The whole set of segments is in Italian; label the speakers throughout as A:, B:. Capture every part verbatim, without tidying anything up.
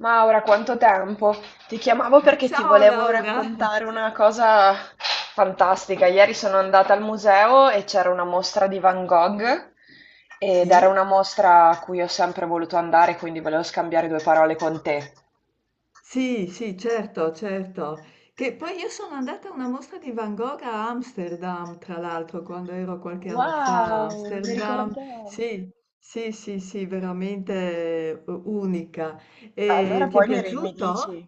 A: Maura, quanto tempo! Ti chiamavo perché ti
B: Ciao
A: volevo
B: Laura!
A: raccontare una cosa fantastica. Ieri sono andata al museo e c'era una mostra di Van Gogh ed era
B: Sì?
A: una mostra a cui ho sempre voluto andare, quindi volevo scambiare due parole con te.
B: Sì, sì, certo, certo. Che poi io sono andata a una mostra di Van Gogh a Amsterdam, tra l'altro, quando ero qualche anno fa a
A: Wow, non mi
B: Amsterdam.
A: ricordavo.
B: Sì, sì, sì, sì, veramente eh, unica. E
A: Allora
B: ti è
A: poi mi, ri- mi
B: piaciuto?
A: dici?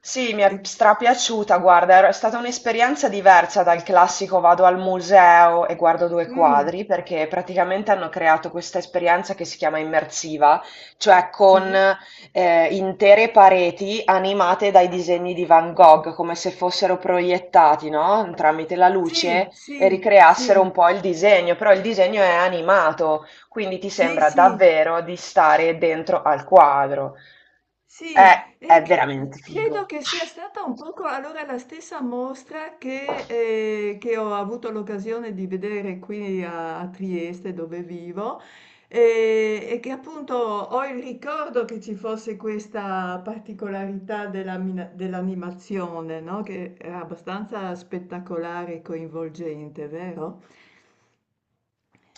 A: Sì, mi è
B: Eh,
A: strapiaciuta, guarda, era- è stata un'esperienza diversa dal classico vado al museo e guardo due
B: mm,
A: quadri, perché praticamente hanno creato questa esperienza che si chiama immersiva, cioè con
B: sì,
A: eh, intere pareti animate dai disegni di Van Gogh, come se fossero proiettati, no? Tramite la
B: sì,
A: luce e
B: sì,
A: ricreassero
B: sì,
A: un po' il disegno, però il disegno è animato, quindi ti
B: sì,
A: sembra
B: sì,
A: davvero di stare dentro al quadro.
B: sì,
A: Eh,
B: e
A: è
B: cre-
A: veramente
B: credo
A: figo.
B: che sia stata un poco allora la stessa mostra che, eh, che ho avuto l'occasione di vedere qui a, a Trieste dove vivo e, e che appunto ho il ricordo che ci fosse questa particolarità della mina- dell'animazione, no? Che era abbastanza spettacolare e coinvolgente, vero?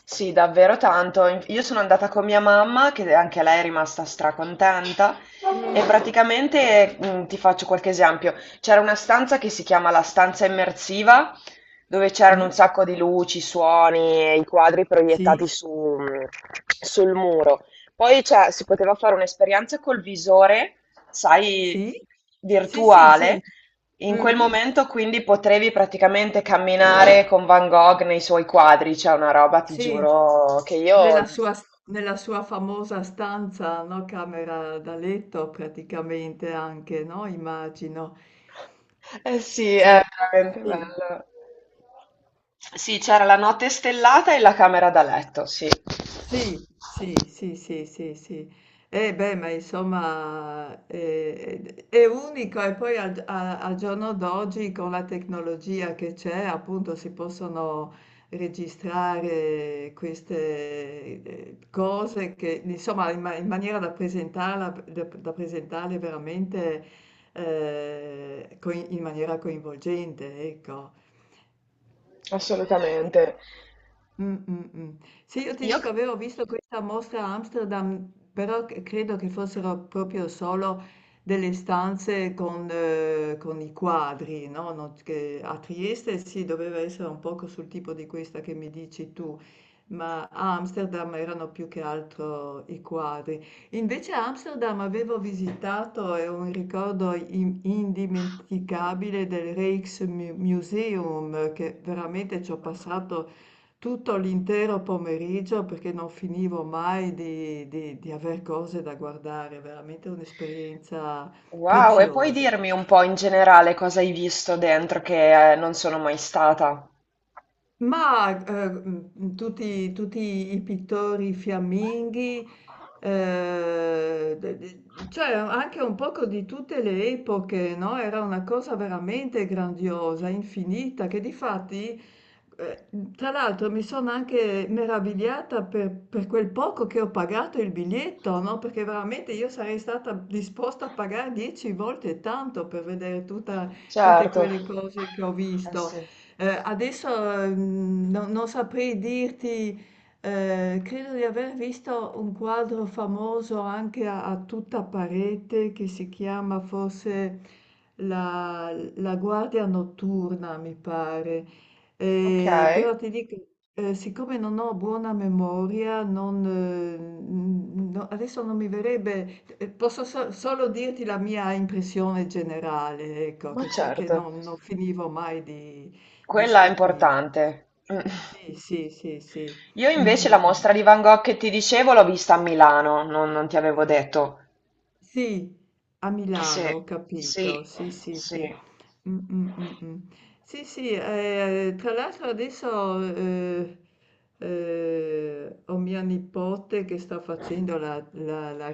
A: Sì, davvero tanto. In- Io sono andata con mia mamma, che anche lei è rimasta stracontenta, e
B: Mm.
A: praticamente mm, ti faccio qualche esempio. C'era una stanza che si chiama la stanza immersiva, dove c'erano un
B: Sì,
A: sacco di luci, suoni e i quadri proiettati
B: sì,
A: su- mm, sul muro. Poi cioè, si poteva fare un'esperienza col visore, sai,
B: sì, sì, sì, sì.
A: virtuale. In quel
B: Mhm.
A: momento quindi potevi praticamente camminare con Van Gogh nei suoi quadri, c'è una roba, ti
B: Sì.
A: giuro, che io...
B: Nella sua s nella sua famosa stanza, no, camera da letto praticamente anche, no, immagino.
A: Eh sì, è
B: Sei
A: veramente
B: sì.
A: bello. Sì, c'era la notte stellata e la camera da letto, sì,
B: Sì, sì, sì, sì, sì, sì. Eh beh, ma insomma eh, eh, è, unico e poi al, a- al giorno d'oggi con la tecnologia che c'è, appunto, si possono registrare queste eh, cose che, insomma, in, ma- in maniera da presentarla, da, da presentarle veramente eh, coi- in maniera coinvolgente, ecco.
A: assolutamente.
B: Mh, mh, mh. Sì, io ti
A: Io...
B: dico, avevo visto questa mostra a Amsterdam, però c credo che fossero proprio solo delle stanze con eh, con i quadri, no, non che a Trieste sì, doveva essere un poco sul tipo di questa che mi dici tu ma a Amsterdam erano più che altro i quadri. Invece a Amsterdam avevo visitato, e ho un ricordo im- indimenticabile del Rijksmuseum, che veramente ci ho passato tutto l'intero pomeriggio perché non finivo mai di, di, di aver cose da guardare, veramente un'esperienza
A: Wow, e puoi
B: preziosa.
A: dirmi un po' in generale cosa hai visto dentro che eh, non sono mai stata?
B: Ma, ehm, mhmm, tutti tutti i pittori fiamminghi, ehm, de de cioè anche un poco di tutte le epoche, no, era una cosa veramente grandiosa, infinita, che difatti, ehm, tra l'altro mi sono anche meravigliata per per quel poco che ho pagato il biglietto, no, perché veramente io sarei stata disposta a pagare dieci volte tanto per vedere tutta tutte
A: Certo.
B: quelle cose che ho
A: Eh
B: visto.
A: sì.
B: Ehm, adesso, mhmm, no non saprei dirti, ehm, credo di aver visto un quadro famoso anche a a tutta parete che si chiama forse la la guardia notturna, mi pare. Ehm,
A: Okay,
B: però ti dico, ehm, siccome non ho buona memoria, non mhmm, no adesso non mi verrebbe ehm, posso so solo dirti la mia impressione generale, ecco,
A: ma
B: che c'è che
A: certo.
B: non non finivo mai di di
A: Quella è
B: stupì.
A: importante. Mh.
B: Sì, sì, sì, sì.
A: Io
B: Mh,
A: invece la
B: mh, mh.
A: mostra di Van Gogh che ti dicevo l'ho vista a Milano, non non ti avevo detto.
B: Sì, a Milano,
A: Sì,
B: ho capito.
A: sì,
B: Sì, sì,
A: sì.
B: sì. Mh, mh, mh, mh. Sì, sì, eh, tra l'altro adesso eh, eh, ho mia nipote che sta facendo la, la- la-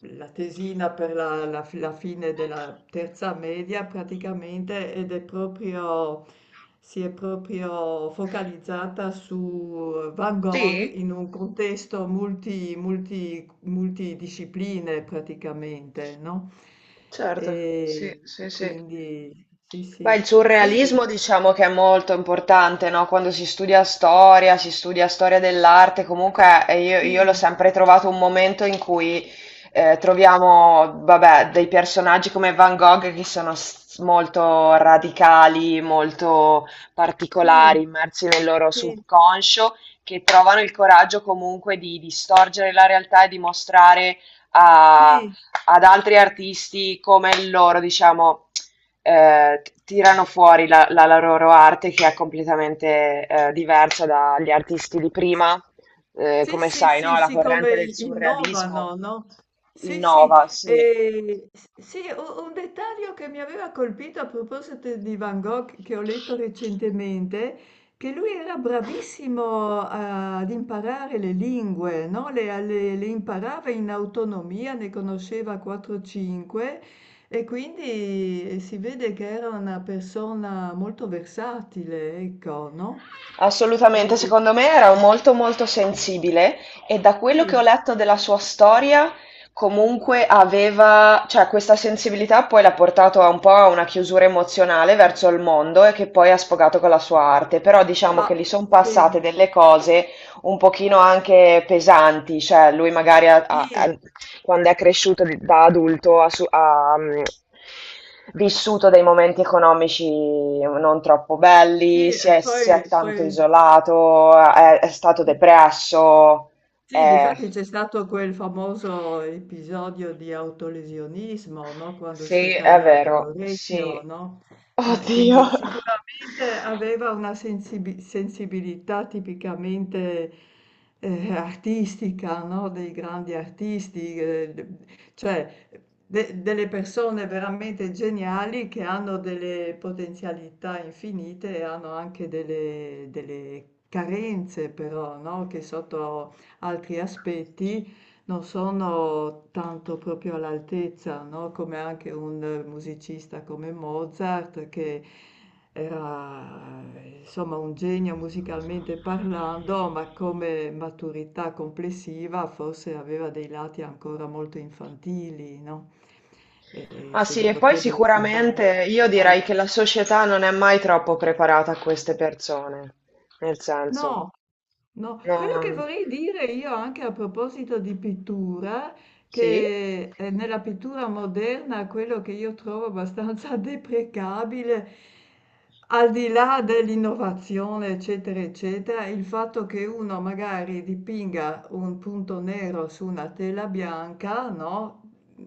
B: la tesina per la, la- la fine della terza media praticamente ed è proprio... si è proprio focalizzata su Van Gogh
A: Sì?
B: in un contesto multi, multi- multidiscipline praticamente, no?
A: Certo, sì,
B: E,
A: sì,
B: e
A: sì.
B: quindi sì,
A: Beh,
B: sì,
A: il
B: sì,
A: surrealismo diciamo che è molto importante, no? Quando si studia storia, si studia storia dell'arte, comunque eh, io, io l'ho
B: sì,
A: sempre trovato un momento in cui eh, troviamo, vabbè, dei personaggi come Van Gogh che sono s- molto radicali, molto
B: sì,
A: particolari, immersi nel loro
B: sì,
A: subconscio, che trovano il coraggio comunque di distorcere la realtà e di mostrare a
B: sì.
A: ad altri artisti come il loro, diciamo, eh, tirano fuori la, la- la loro arte che è completamente eh, diversa dagli artisti di prima. Eh,
B: Sì,
A: come
B: sì,
A: sai,
B: sì,
A: no? La
B: sì, come
A: corrente del
B: i-
A: surrealismo
B: innovano, no? Sì, sì,
A: innova, sì.
B: e s- sì, u- un dettaglio che mi aveva colpito a proposito di Van Gogh che ho letto recentemente, che lui era bravissimo a- ad imparare le lingue, no? Le, le- le imparava in autonomia, ne conosceva quattro cinque e quindi si vede che era una persona molto versatile, ecco, no?
A: Assolutamente,
B: E-
A: secondo me era molto molto sensibile e da quello che ho
B: sì,
A: letto della sua storia, comunque aveva, cioè questa sensibilità poi l'ha portato a un po' a una chiusura emozionale verso il mondo e che poi ha sfogato con la sua arte, però diciamo che
B: ah,
A: gli sono
B: sì,
A: passate delle cose un pochino anche pesanti, cioè lui magari ha- ha-
B: sì,
A: ha- quando è cresciuto di- da adulto ha, su- ha, mm, vissuto dei momenti economici non troppo
B: sì,
A: belli, si
B: e
A: è, si
B: poi
A: è tanto
B: poi
A: isolato, è, è stato
B: sì.
A: depresso.
B: Sì,
A: Eh.
B: difatti c'è stato quel famoso episodio di autolesionismo, no? Quando si
A: Sì,
B: è
A: è
B: tagliato
A: vero,
B: l'orecchio,
A: sì.
B: no? Eh,
A: Oddio.
B: quindi sicuramente aveva una sensibi- sensibilità tipicamente eh, artistica, no? Dei grandi artisti, eh, de- cioè de- delle persone veramente geniali che hanno delle potenzialità infinite e hanno anche delle, delle carenze, però, no? Che sotto altri aspetti non sono tanto proprio all'altezza, no? Come anche un musicista come Mozart che era insomma un genio musicalmente parlando, ma come maturità complessiva forse aveva dei lati ancora molto infantili, no? E, e
A: Ah
B: se
A: sì,
B: ne
A: e poi
B: potrebbero citare
A: sicuramente io
B: tanti
A: direi che
B: altri.
A: la società non è mai troppo preparata a queste persone, nel senso,
B: No, no, quello che
A: non...
B: vorrei dire io anche a proposito di pittura,
A: Sì?
B: che eh, nella pittura moderna quello che io trovo abbastanza deprecabile, al di là dell'innovazione, eccetera, eccetera, il fatto che uno magari dipinga un punto nero su una tela bianca, no?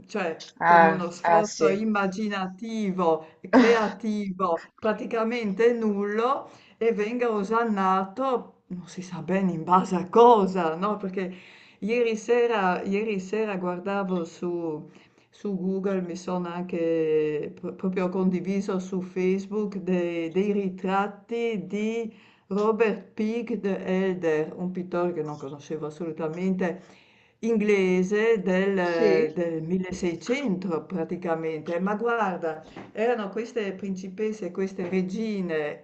B: Cioè con
A: Eh,
B: uno
A: eh
B: sforzo
A: sì.
B: immaginativo, creativo, praticamente nullo e venga osannato, non si sa bene in base a cosa, no? Perché ieri sera, ieri sera guardavo su, su Google, mi sono anche pro- proprio condiviso su Facebook dei, dei ritratti di Robert Peake the Elder, un pittore che non conoscevo assolutamente, inglese del,
A: Sì,
B: del milleseicento praticamente. Ma guarda, erano queste principesse, queste regine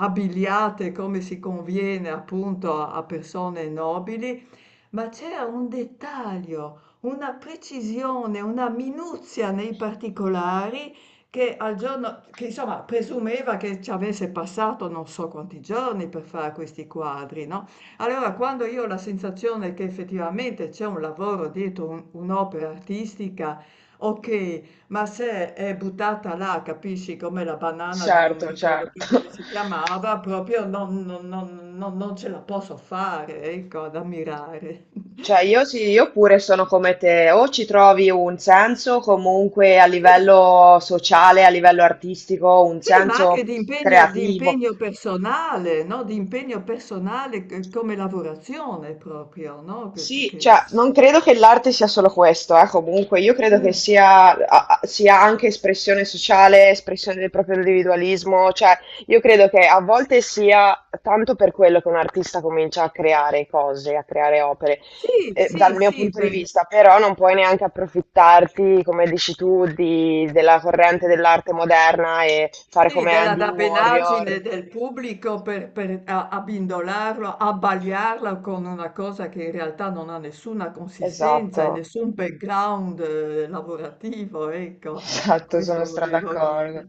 B: abbigliate come si conviene appunto a a persone nobili, ma c'era un dettaglio, una precisione, una minuzia nei particolari che al giorno, che insomma presumeva che ci avesse passato non so quanti giorni per fare questi quadri, no? Allora, quando io ho la sensazione che effettivamente c'è un lavoro dietro un- un'opera artistica, ok, ma se è buttata là, capisci, come la banana di non mi
A: certo,
B: ricordo
A: certo.
B: più come si chiamava, proprio non, non- non- non- non ce la posso fare, ecco, ad ammirare.
A: Cioè io sì, io pure sono come te, o ci trovi un senso comunque a
B: Sì,
A: livello sociale, a livello artistico, un
B: sì, ma anche
A: senso
B: di impegno, di
A: creativo.
B: impegno personale, no? Di impegno personale c- come lavorazione proprio, no? Che-
A: Sì,
B: che-
A: cioè, non credo che l'arte sia solo questo, eh, comunque, io credo che
B: Mm.
A: sia, a- a- sia anche espressione sociale, espressione del proprio individualismo, cioè, io credo che a volte sia tanto per quello che un artista comincia a creare cose, a creare opere,
B: Sì,
A: eh, dal
B: sì,
A: mio
B: sì,
A: punto di
B: per-
A: vista, però non puoi neanche approfittarti, come dici tu, di- della corrente dell'arte moderna e fare
B: Sì,
A: come
B: della
A: Andy Warrior.
B: dabbenaggine del pubblico per, per a- abbindolarlo, abbagliarlo con una cosa che in realtà non ha nessuna consistenza e
A: Esatto.
B: nessun background eh, lavorativo, ecco,
A: Esatto, sono
B: questo
A: stra
B: volevo
A: d'accordo.
B: dire.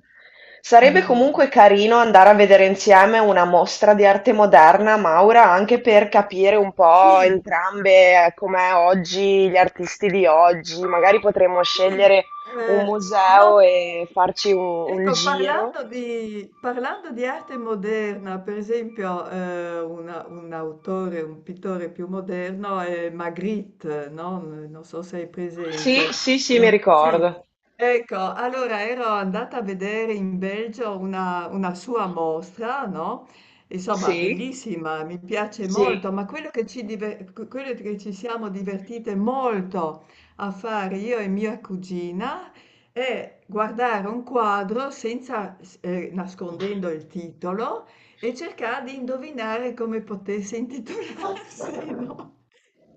B: Mm,
A: Sarebbe
B: mm. Mm.
A: comunque carino andare a vedere insieme una mostra di arte moderna, Maura, anche per capire un po'
B: Sì,
A: entrambe eh, com'è oggi, gli artisti di oggi. Magari potremmo
B: sì,
A: scegliere un
B: eh,
A: museo
B: no,
A: e farci un, un
B: ecco,
A: giro.
B: parlando di, parlando di arte moderna, per esempio, eh, una- un autore, un pittore più moderno è Magritte, no? Non so se è
A: Sì,
B: presente.
A: sì, sì,
B: È
A: mi
B: un- sì.
A: ricordo.
B: Ecco, allora ero andata a vedere in Belgio una, una sua mostra, no? Insomma,
A: Sì,
B: bellissima, mi piace
A: sì.
B: molto, ma quello che ci, diver- quello che ci siamo divertite molto a fare io e mia cugina è guardare un quadro senza, s- eh, nascondendo il titolo e cercare di indovinare come potesse intitolarsi, no?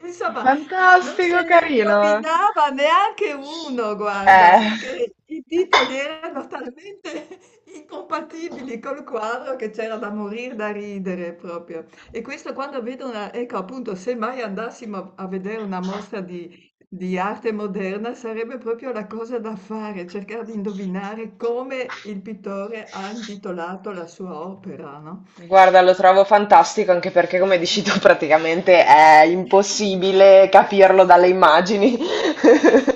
B: Insomma, non se
A: Fantastico,
B: ne
A: carino.
B: indovinava neanche uno, guarda,
A: Eh.
B: perché i titoli erano talmente incompatibili col quadro che c'era da morire da ridere proprio. E questo quando vedo una, ecco appunto, se mai andassimo a vedere una mostra di, di arte moderna sarebbe proprio la cosa da fare, cercare di indovinare come il pittore ha intitolato la sua opera, no?
A: Guarda, lo trovo fantastico anche perché, come dici tu, praticamente è impossibile capirlo
B: Sì.
A: dalle immagini.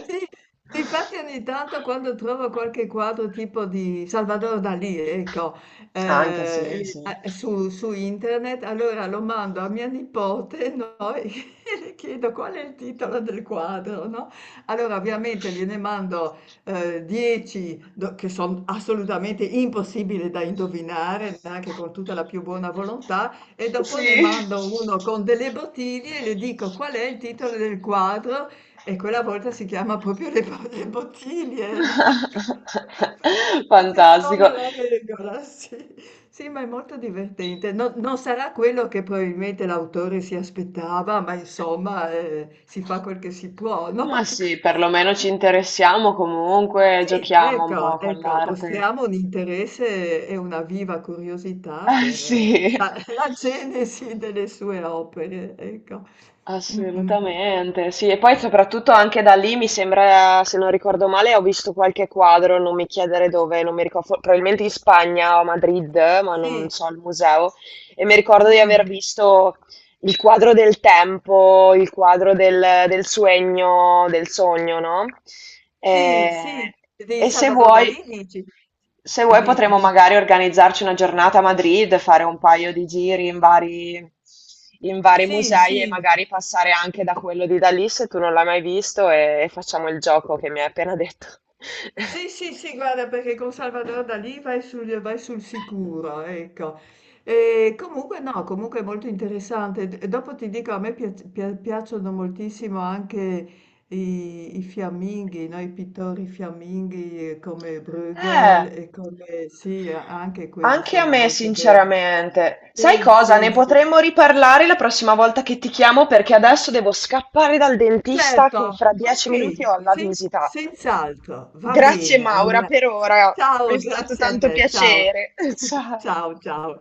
B: Sì, difatti ogni tanto quando trovo qualche quadro tipo di Salvador Dalì, ecco,
A: Anche sì,
B: eh,
A: sì.
B: e- eh, su, su internet, allora lo mando a mia nipote, no? E le chiedo qual è il titolo del quadro, no? Allora ovviamente gliene mando eh, dieci do- che sono assolutamente impossibili da indovinare, anche con tutta la più buona volontà, e dopo ne
A: Sì.
B: mando uno con delle bottiglie e le dico qual è il titolo del quadro e quella volta si chiama proprio le bo le bottiglie, no,
A: Fantastico.
B: Ecceziona la regola, sì. Sì, ma è molto divertente. No non sarà quello che probabilmente l'autore si aspettava, ma insomma, ehm, si fa quel che si può,
A: Ma
B: no?
A: sì, perlomeno ci interessiamo comunque,
B: Sì,
A: giochiamo un po'
B: ecco,
A: con
B: ecco,
A: l'arte.
B: mostriamo un interesse e una viva curiosità
A: Eh
B: per eh,
A: sì.
B: la la genesi delle sue opere, ecco. Mh, mh, mh.
A: Assolutamente, sì, e poi soprattutto anche da lì mi sembra, se non ricordo male, ho visto qualche quadro, non mi chiedere dove, non mi ricordo, for- probabilmente in Spagna o a Madrid, ma non
B: Sì,
A: so, al museo, e mi ricordo di aver
B: mh.
A: visto il quadro del tempo, il quadro del, del sogno, del sogno, no?
B: Sì, sì,
A: E,
B: di
A: e se
B: Salvador
A: vuoi...
B: Dalì dici?
A: Se vuoi
B: Di,
A: potremmo
B: di-
A: magari organizzarci una giornata a Madrid, fare un paio di giri in vari, in vari
B: sì,
A: musei e
B: sì,
A: magari passare anche da quello di Dalì se tu non l'hai mai visto e, e facciamo il gioco che mi hai appena detto.
B: sì, sì, sì, guarda, perché con Salvador Dalì vai sul, vai sul sicuro, ecco. E comunque no, comunque è molto interessante. D- Dopo ti dico, a me piac- pia- piacciono moltissimo anche i, i fiamminghi, no? I pittori fiamminghi eh, come Bruegel
A: Eh,
B: e come, sì, a- anche quelli
A: anche a
B: sono
A: me,
B: molto belli.
A: sinceramente. Sai
B: Sì,
A: cosa?
B: sì,
A: Ne
B: sì.
A: potremmo riparlare la prossima volta che ti chiamo perché adesso devo scappare dal dentista
B: Certo,
A: che fra dieci minuti
B: okay,
A: ho la
B: sen
A: visita.
B: senz'altro, va
A: Grazie
B: bene.
A: Maura
B: Allora
A: per ora, mi è
B: ciao,
A: stato
B: grazie a
A: tanto
B: te, ciao.
A: piacere. Ciao.
B: Ciao, ciao.